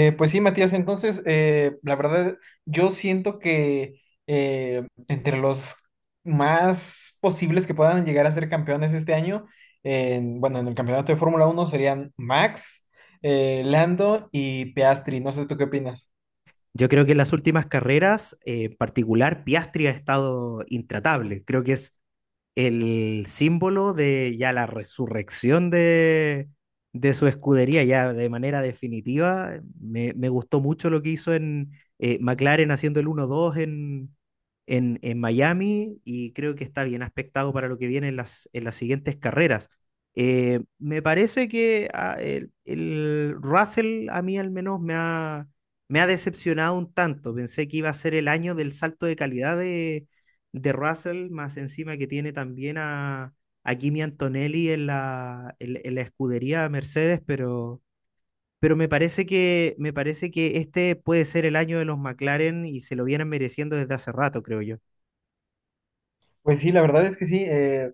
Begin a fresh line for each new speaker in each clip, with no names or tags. Pues sí, Matías, entonces, la verdad, yo siento que entre los más posibles que puedan llegar a ser campeones este año, bueno, en el campeonato de Fórmula 1 serían Max, Lando y Piastri. No sé, ¿tú qué opinas?
Yo creo que en las últimas carreras, en particular, Piastri ha estado intratable. Creo que es el símbolo de ya la resurrección de su escudería, ya de manera definitiva. Me gustó mucho lo que hizo en McLaren haciendo el 1-2 en Miami, y creo que está bien aspectado para lo que viene en las siguientes carreras. Me parece que el Russell a mí al menos me ha decepcionado un tanto. Pensé que iba a ser el año del salto de calidad de Russell, más encima que tiene también a Kimi Antonelli en la escudería Mercedes, pero me parece que este puede ser el año de los McLaren, y se lo vienen mereciendo desde hace rato, creo yo.
Pues sí, la verdad es que sí.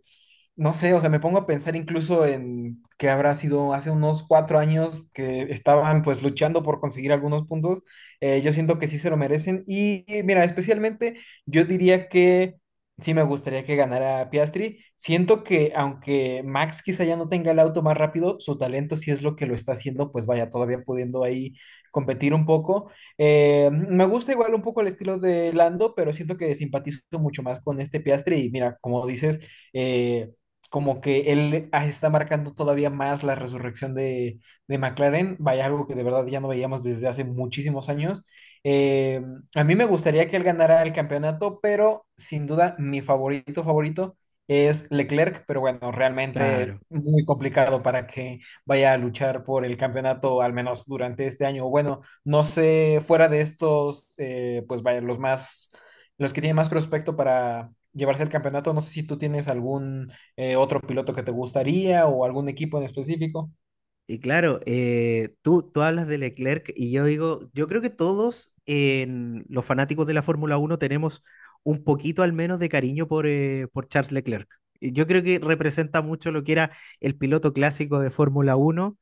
No sé, o sea, me pongo a pensar incluso en que habrá sido hace unos 4 años que estaban pues luchando por conseguir algunos puntos. Yo siento que sí se lo merecen. Y mira, especialmente yo diría que sí me gustaría que ganara Piastri. Siento que aunque Max quizá ya no tenga el auto más rápido, su talento sí es lo que lo está haciendo, pues vaya, todavía pudiendo ahí competir un poco. Me gusta igual un poco el estilo de Lando, pero siento que simpatizo mucho más con este Piastri. Y mira, como dices, eh, como que él está marcando todavía más la resurrección de McLaren. Vaya, algo que de verdad ya no veíamos desde hace muchísimos años. Eh, a mí me gustaría que él ganara el campeonato, pero sin duda mi favorito favorito es Leclerc. Pero bueno, realmente
Claro.
muy complicado para que vaya a luchar por el campeonato, al menos durante este año. Bueno, no sé, fuera de estos, pues vaya, los que tienen más prospecto para llevarse el campeonato, no sé si tú tienes algún otro piloto que te gustaría o algún equipo en específico.
Y claro, tú hablas de Leclerc, y yo digo, yo creo que todos en los fanáticos de la Fórmula Uno tenemos un poquito al menos de cariño por Charles Leclerc. Y yo creo que representa mucho lo que era el piloto clásico de Fórmula Uno.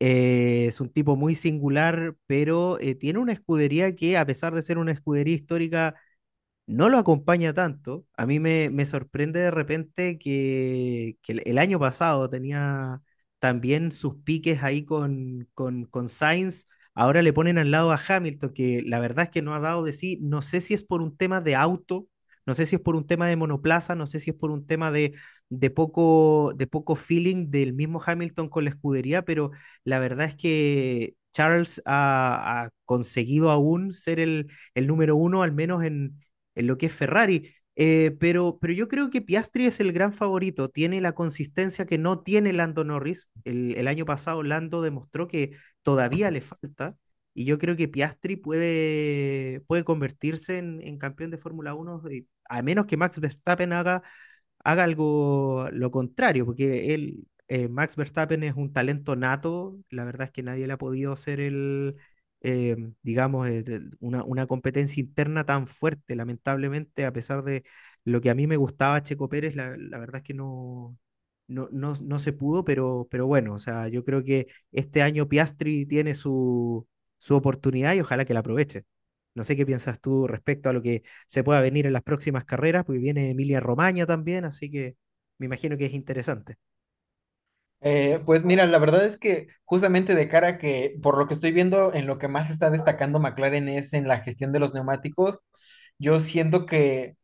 Es un tipo muy singular, pero tiene una escudería que, a pesar de ser una escudería histórica, no lo acompaña tanto. A mí me sorprende de repente que, que el año pasado tenía también sus piques ahí con Sainz. Ahora le ponen al lado a Hamilton, que la verdad es que no ha dado de sí. No sé si es por un tema de auto, no sé si es por un tema de monoplaza, no sé si es por un tema de poco feeling del mismo Hamilton con la escudería, pero la verdad es que Charles ha conseguido aún ser el número uno, al menos en lo que es Ferrari. Pero yo creo que Piastri es el gran favorito, tiene la consistencia que no tiene Lando Norris. El año pasado Lando demostró que todavía le falta, y yo creo que Piastri puede convertirse en campeón de Fórmula Uno a menos que Max Verstappen haga algo lo contrario, porque Max Verstappen es un talento nato, la verdad es que nadie le ha podido hacer eh, digamos, una competencia interna tan fuerte. Lamentablemente, a pesar de lo que a mí me gustaba Checo Pérez, la verdad es que no se pudo, pero bueno, o sea, yo creo que este año Piastri tiene su oportunidad, y ojalá que la aproveche. No sé qué piensas tú respecto a lo que se pueda venir en las próximas carreras, porque viene Emilia Romagna también, así que me imagino que es interesante.
Pues mira, la verdad es que justamente de cara a que, por lo que estoy viendo, en lo que más está destacando McLaren es en la gestión de los neumáticos. Yo siento que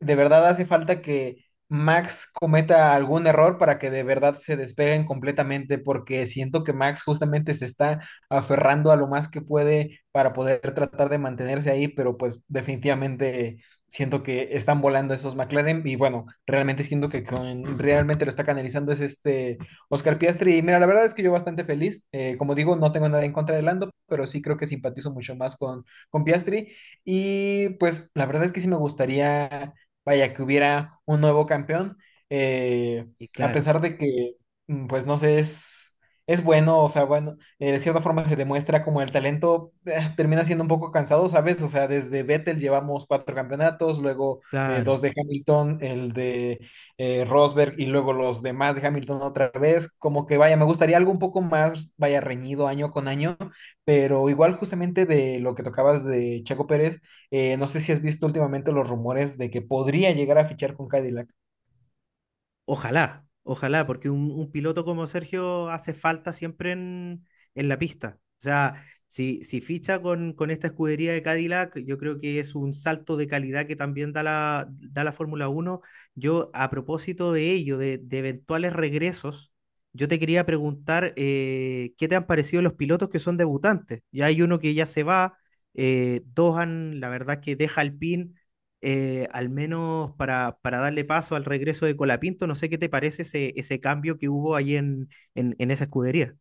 de verdad hace falta que Max cometa algún error para que de verdad se despeguen completamente, porque siento que Max justamente se está aferrando a lo más que puede para poder tratar de mantenerse ahí, pero pues definitivamente siento que están volando esos McLaren. Y bueno, realmente siento que realmente lo está canalizando es este Oscar Piastri. Y mira, la verdad es que yo bastante feliz, como digo, no tengo nada en contra de Lando, pero sí creo que simpatizo mucho más con Piastri, y pues la verdad es que sí me gustaría, vaya, que hubiera un nuevo campeón, eh,
Y
a
claro,
pesar de que, pues no sé, es bueno, o sea, bueno, de cierta forma se demuestra como el talento termina siendo un poco cansado, ¿sabes? O sea, desde Vettel llevamos cuatro campeonatos, luego dos
claro.
de Hamilton, el de Rosberg, y luego los demás de Hamilton otra vez, como que vaya, me gustaría algo un poco más, vaya, reñido año con año, pero igual justamente de lo que tocabas de Checo Pérez. No sé si has visto últimamente los rumores de que podría llegar a fichar con Cadillac.
Ojalá, ojalá, porque un piloto como Sergio hace falta siempre en la pista. O sea, si ficha con esta escudería de Cadillac, yo creo que es un salto de calidad que también da la Fórmula Uno. Yo, a propósito de ello, de eventuales regresos, yo te quería preguntar qué te han parecido los pilotos que son debutantes. Ya hay uno que ya se va, dos han, la verdad que deja Alpine, al menos para, darle paso al regreso de Colapinto. No sé qué te parece ese cambio que hubo ahí en esa escudería.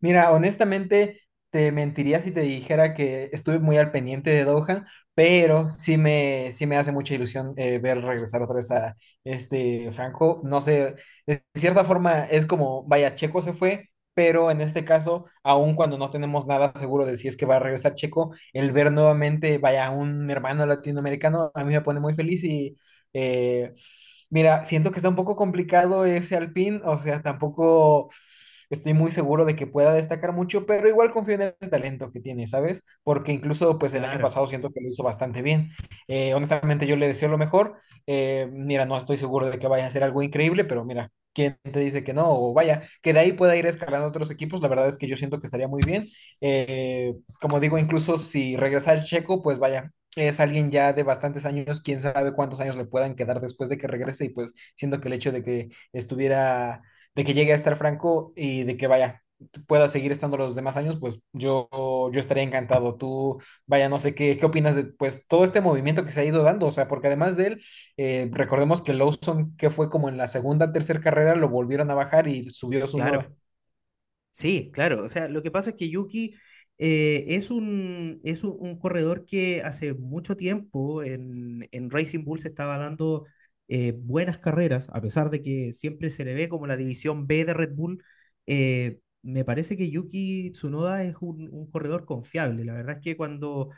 Mira, honestamente, te mentiría si te dijera que estuve muy al pendiente de Doha, pero sí me hace mucha ilusión ver regresar otra vez a este Franco. No sé, de cierta forma es como, vaya, Checo se fue. Pero en este caso, aun cuando no tenemos nada seguro de si es que va a regresar Checo, el ver nuevamente, vaya, un hermano latinoamericano, a mí me pone muy feliz y, Eh, mira, siento que está un poco complicado ese Alpine, o sea, tampoco estoy muy seguro de que pueda destacar mucho, pero igual confío en el talento que tiene, ¿sabes? Porque incluso pues el año
Claro,
pasado siento que lo hizo bastante bien. Honestamente yo le deseo lo mejor. Mira, no estoy seguro de que vaya a ser algo increíble, pero mira, ¿quién te dice que no? O vaya, que de ahí pueda ir escalando otros equipos, la verdad es que yo siento que estaría muy bien. Eh, Como digo, incluso si regresa el Checo, pues vaya, es alguien ya de bastantes años, quién sabe cuántos años le puedan quedar después de que regrese, y pues siento que el hecho de que estuviera, de que llegue a estar Franco, y de que vaya, pueda seguir estando los demás años, pues yo estaría encantado. Tú, vaya, no sé qué, qué opinas de pues todo este movimiento que se ha ido dando, o sea, porque además de él, recordemos que Lawson, que fue como en la segunda, tercera carrera, lo volvieron a bajar y subió su nueva.
claro. Sí, claro. O sea, lo que pasa es que Yuki, es un corredor que hace mucho tiempo en Racing Bull se estaba dando, buenas carreras, a pesar de que siempre se le ve como la división B de Red Bull. Me parece que Yuki Tsunoda es un corredor confiable. La verdad es que cuando,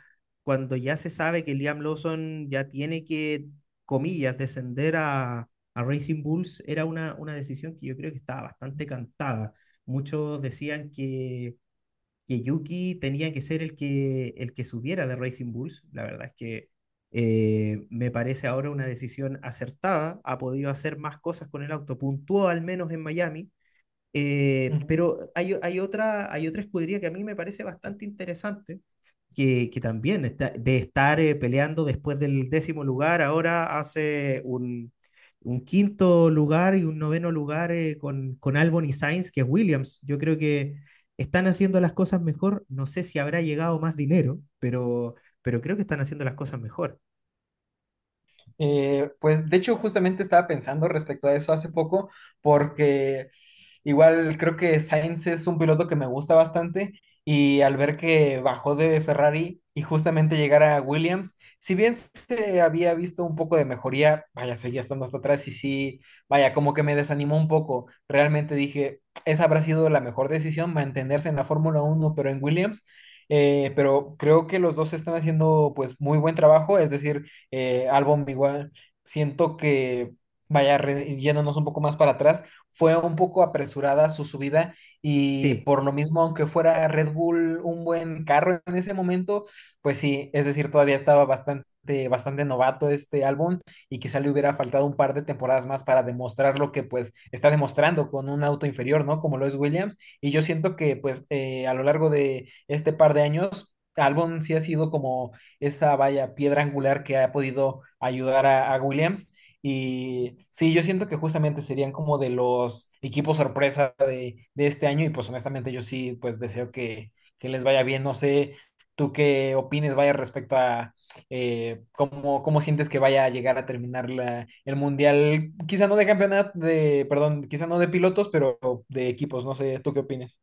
cuando ya se sabe que Liam Lawson ya tiene que, comillas, descender a Racing Bulls, era una decisión que yo creo que estaba bastante cantada. Muchos decían que Yuki tenía que ser el que subiera de Racing Bulls. La verdad es que me parece ahora una decisión acertada. Ha podido hacer más cosas con el auto, puntuó al menos en Miami. Pero hay otra escudería que a mí me parece bastante interesante, que también está, de estar peleando después del décimo lugar, ahora hace un quinto lugar y un noveno lugar, con Albon y Sainz, que es Williams. Yo creo que están haciendo las cosas mejor. No sé si habrá llegado más dinero, pero creo que están haciendo las cosas mejor.
Pues de hecho justamente estaba pensando respecto a eso hace poco, porque igual creo que Sainz es un piloto que me gusta bastante, y al ver que bajó de Ferrari y justamente llegar a Williams, si bien se había visto un poco de mejoría, vaya, seguía estando hasta atrás y sí, vaya, como que me desanimó un poco. Realmente dije, esa habrá sido la mejor decisión, mantenerse en la Fórmula 1 pero en Williams. Pero creo que los dos están haciendo pues muy buen trabajo, es decir, Albon igual. Siento que, vaya, yéndonos un poco más para atrás, fue un poco apresurada su subida, y
Sí,
por lo mismo, aunque fuera Red Bull un buen carro en ese momento, pues sí, es decir, todavía estaba bastante, bastante novato este Albon, y quizá le hubiera faltado un par de temporadas más para demostrar lo que pues está demostrando con un auto inferior, ¿no? Como lo es Williams. Y yo siento que pues a lo largo de este par de años, Albon sí ha sido como esa, vaya, piedra angular que ha podido ayudar a Williams. Y sí, yo siento que justamente serían como de los equipos sorpresa de este año, y pues honestamente yo sí, pues deseo que les vaya bien. No sé, tú qué opines, vaya, respecto a cómo, cómo sientes que vaya a llegar a terminar la, el mundial, quizá no de campeonato, de, perdón, quizá no de pilotos, pero de equipos. No sé, tú qué opinas.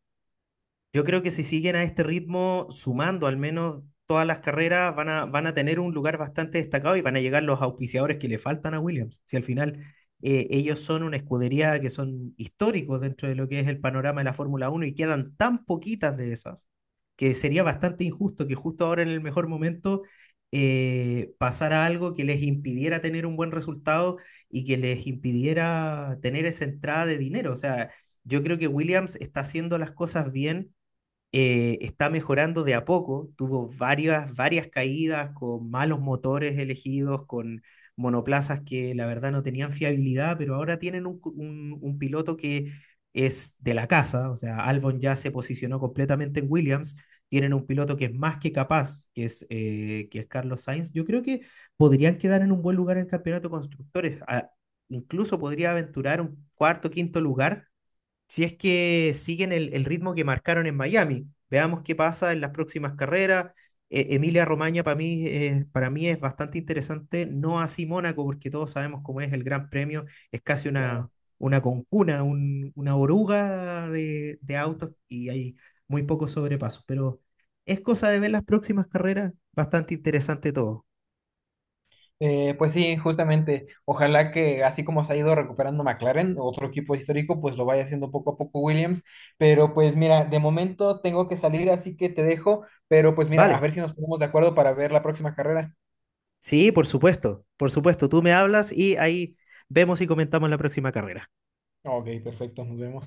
yo creo que si siguen a este ritmo, sumando al menos todas las carreras, van a tener un lugar bastante destacado, y van a llegar los auspiciadores que le faltan a Williams. Si al final, ellos son una escudería que son históricos dentro de lo que es el panorama de la Fórmula Uno, y quedan tan poquitas de esas, que sería bastante injusto que justo ahora en el mejor momento pasara algo que les impidiera tener un buen resultado y que les impidiera tener esa entrada de dinero. O sea, yo creo que Williams está haciendo las cosas bien. Está mejorando de a poco, tuvo varias caídas con malos motores elegidos, con monoplazas que la verdad no tenían fiabilidad, pero ahora tienen un piloto que es de la casa, o sea, Albon ya se posicionó completamente en Williams, tienen un piloto que es más que capaz, que es Carlos Sainz. Yo creo que podrían quedar en un buen lugar en el campeonato de constructores, incluso podría aventurar un cuarto, quinto lugar, si es que siguen el ritmo que marcaron en Miami. Veamos qué pasa en las próximas carreras. Emilia Romagna para mí es bastante interesante, no así Mónaco, porque todos sabemos cómo es el Gran Premio. Es casi
Claro.
una oruga de autos y hay muy pocos sobrepasos, pero es cosa de ver las próximas carreras, bastante interesante todo.
Pues sí, justamente. Ojalá que así como se ha ido recuperando McLaren, otro equipo histórico, pues lo vaya haciendo poco a poco Williams. Pero pues mira, de momento tengo que salir, así que te dejo. Pero pues mira, a
Vale,
ver si nos ponemos de acuerdo para ver la próxima carrera.
sí, por supuesto, tú me hablas y ahí vemos y comentamos la próxima carrera.
Ok, perfecto, nos vemos.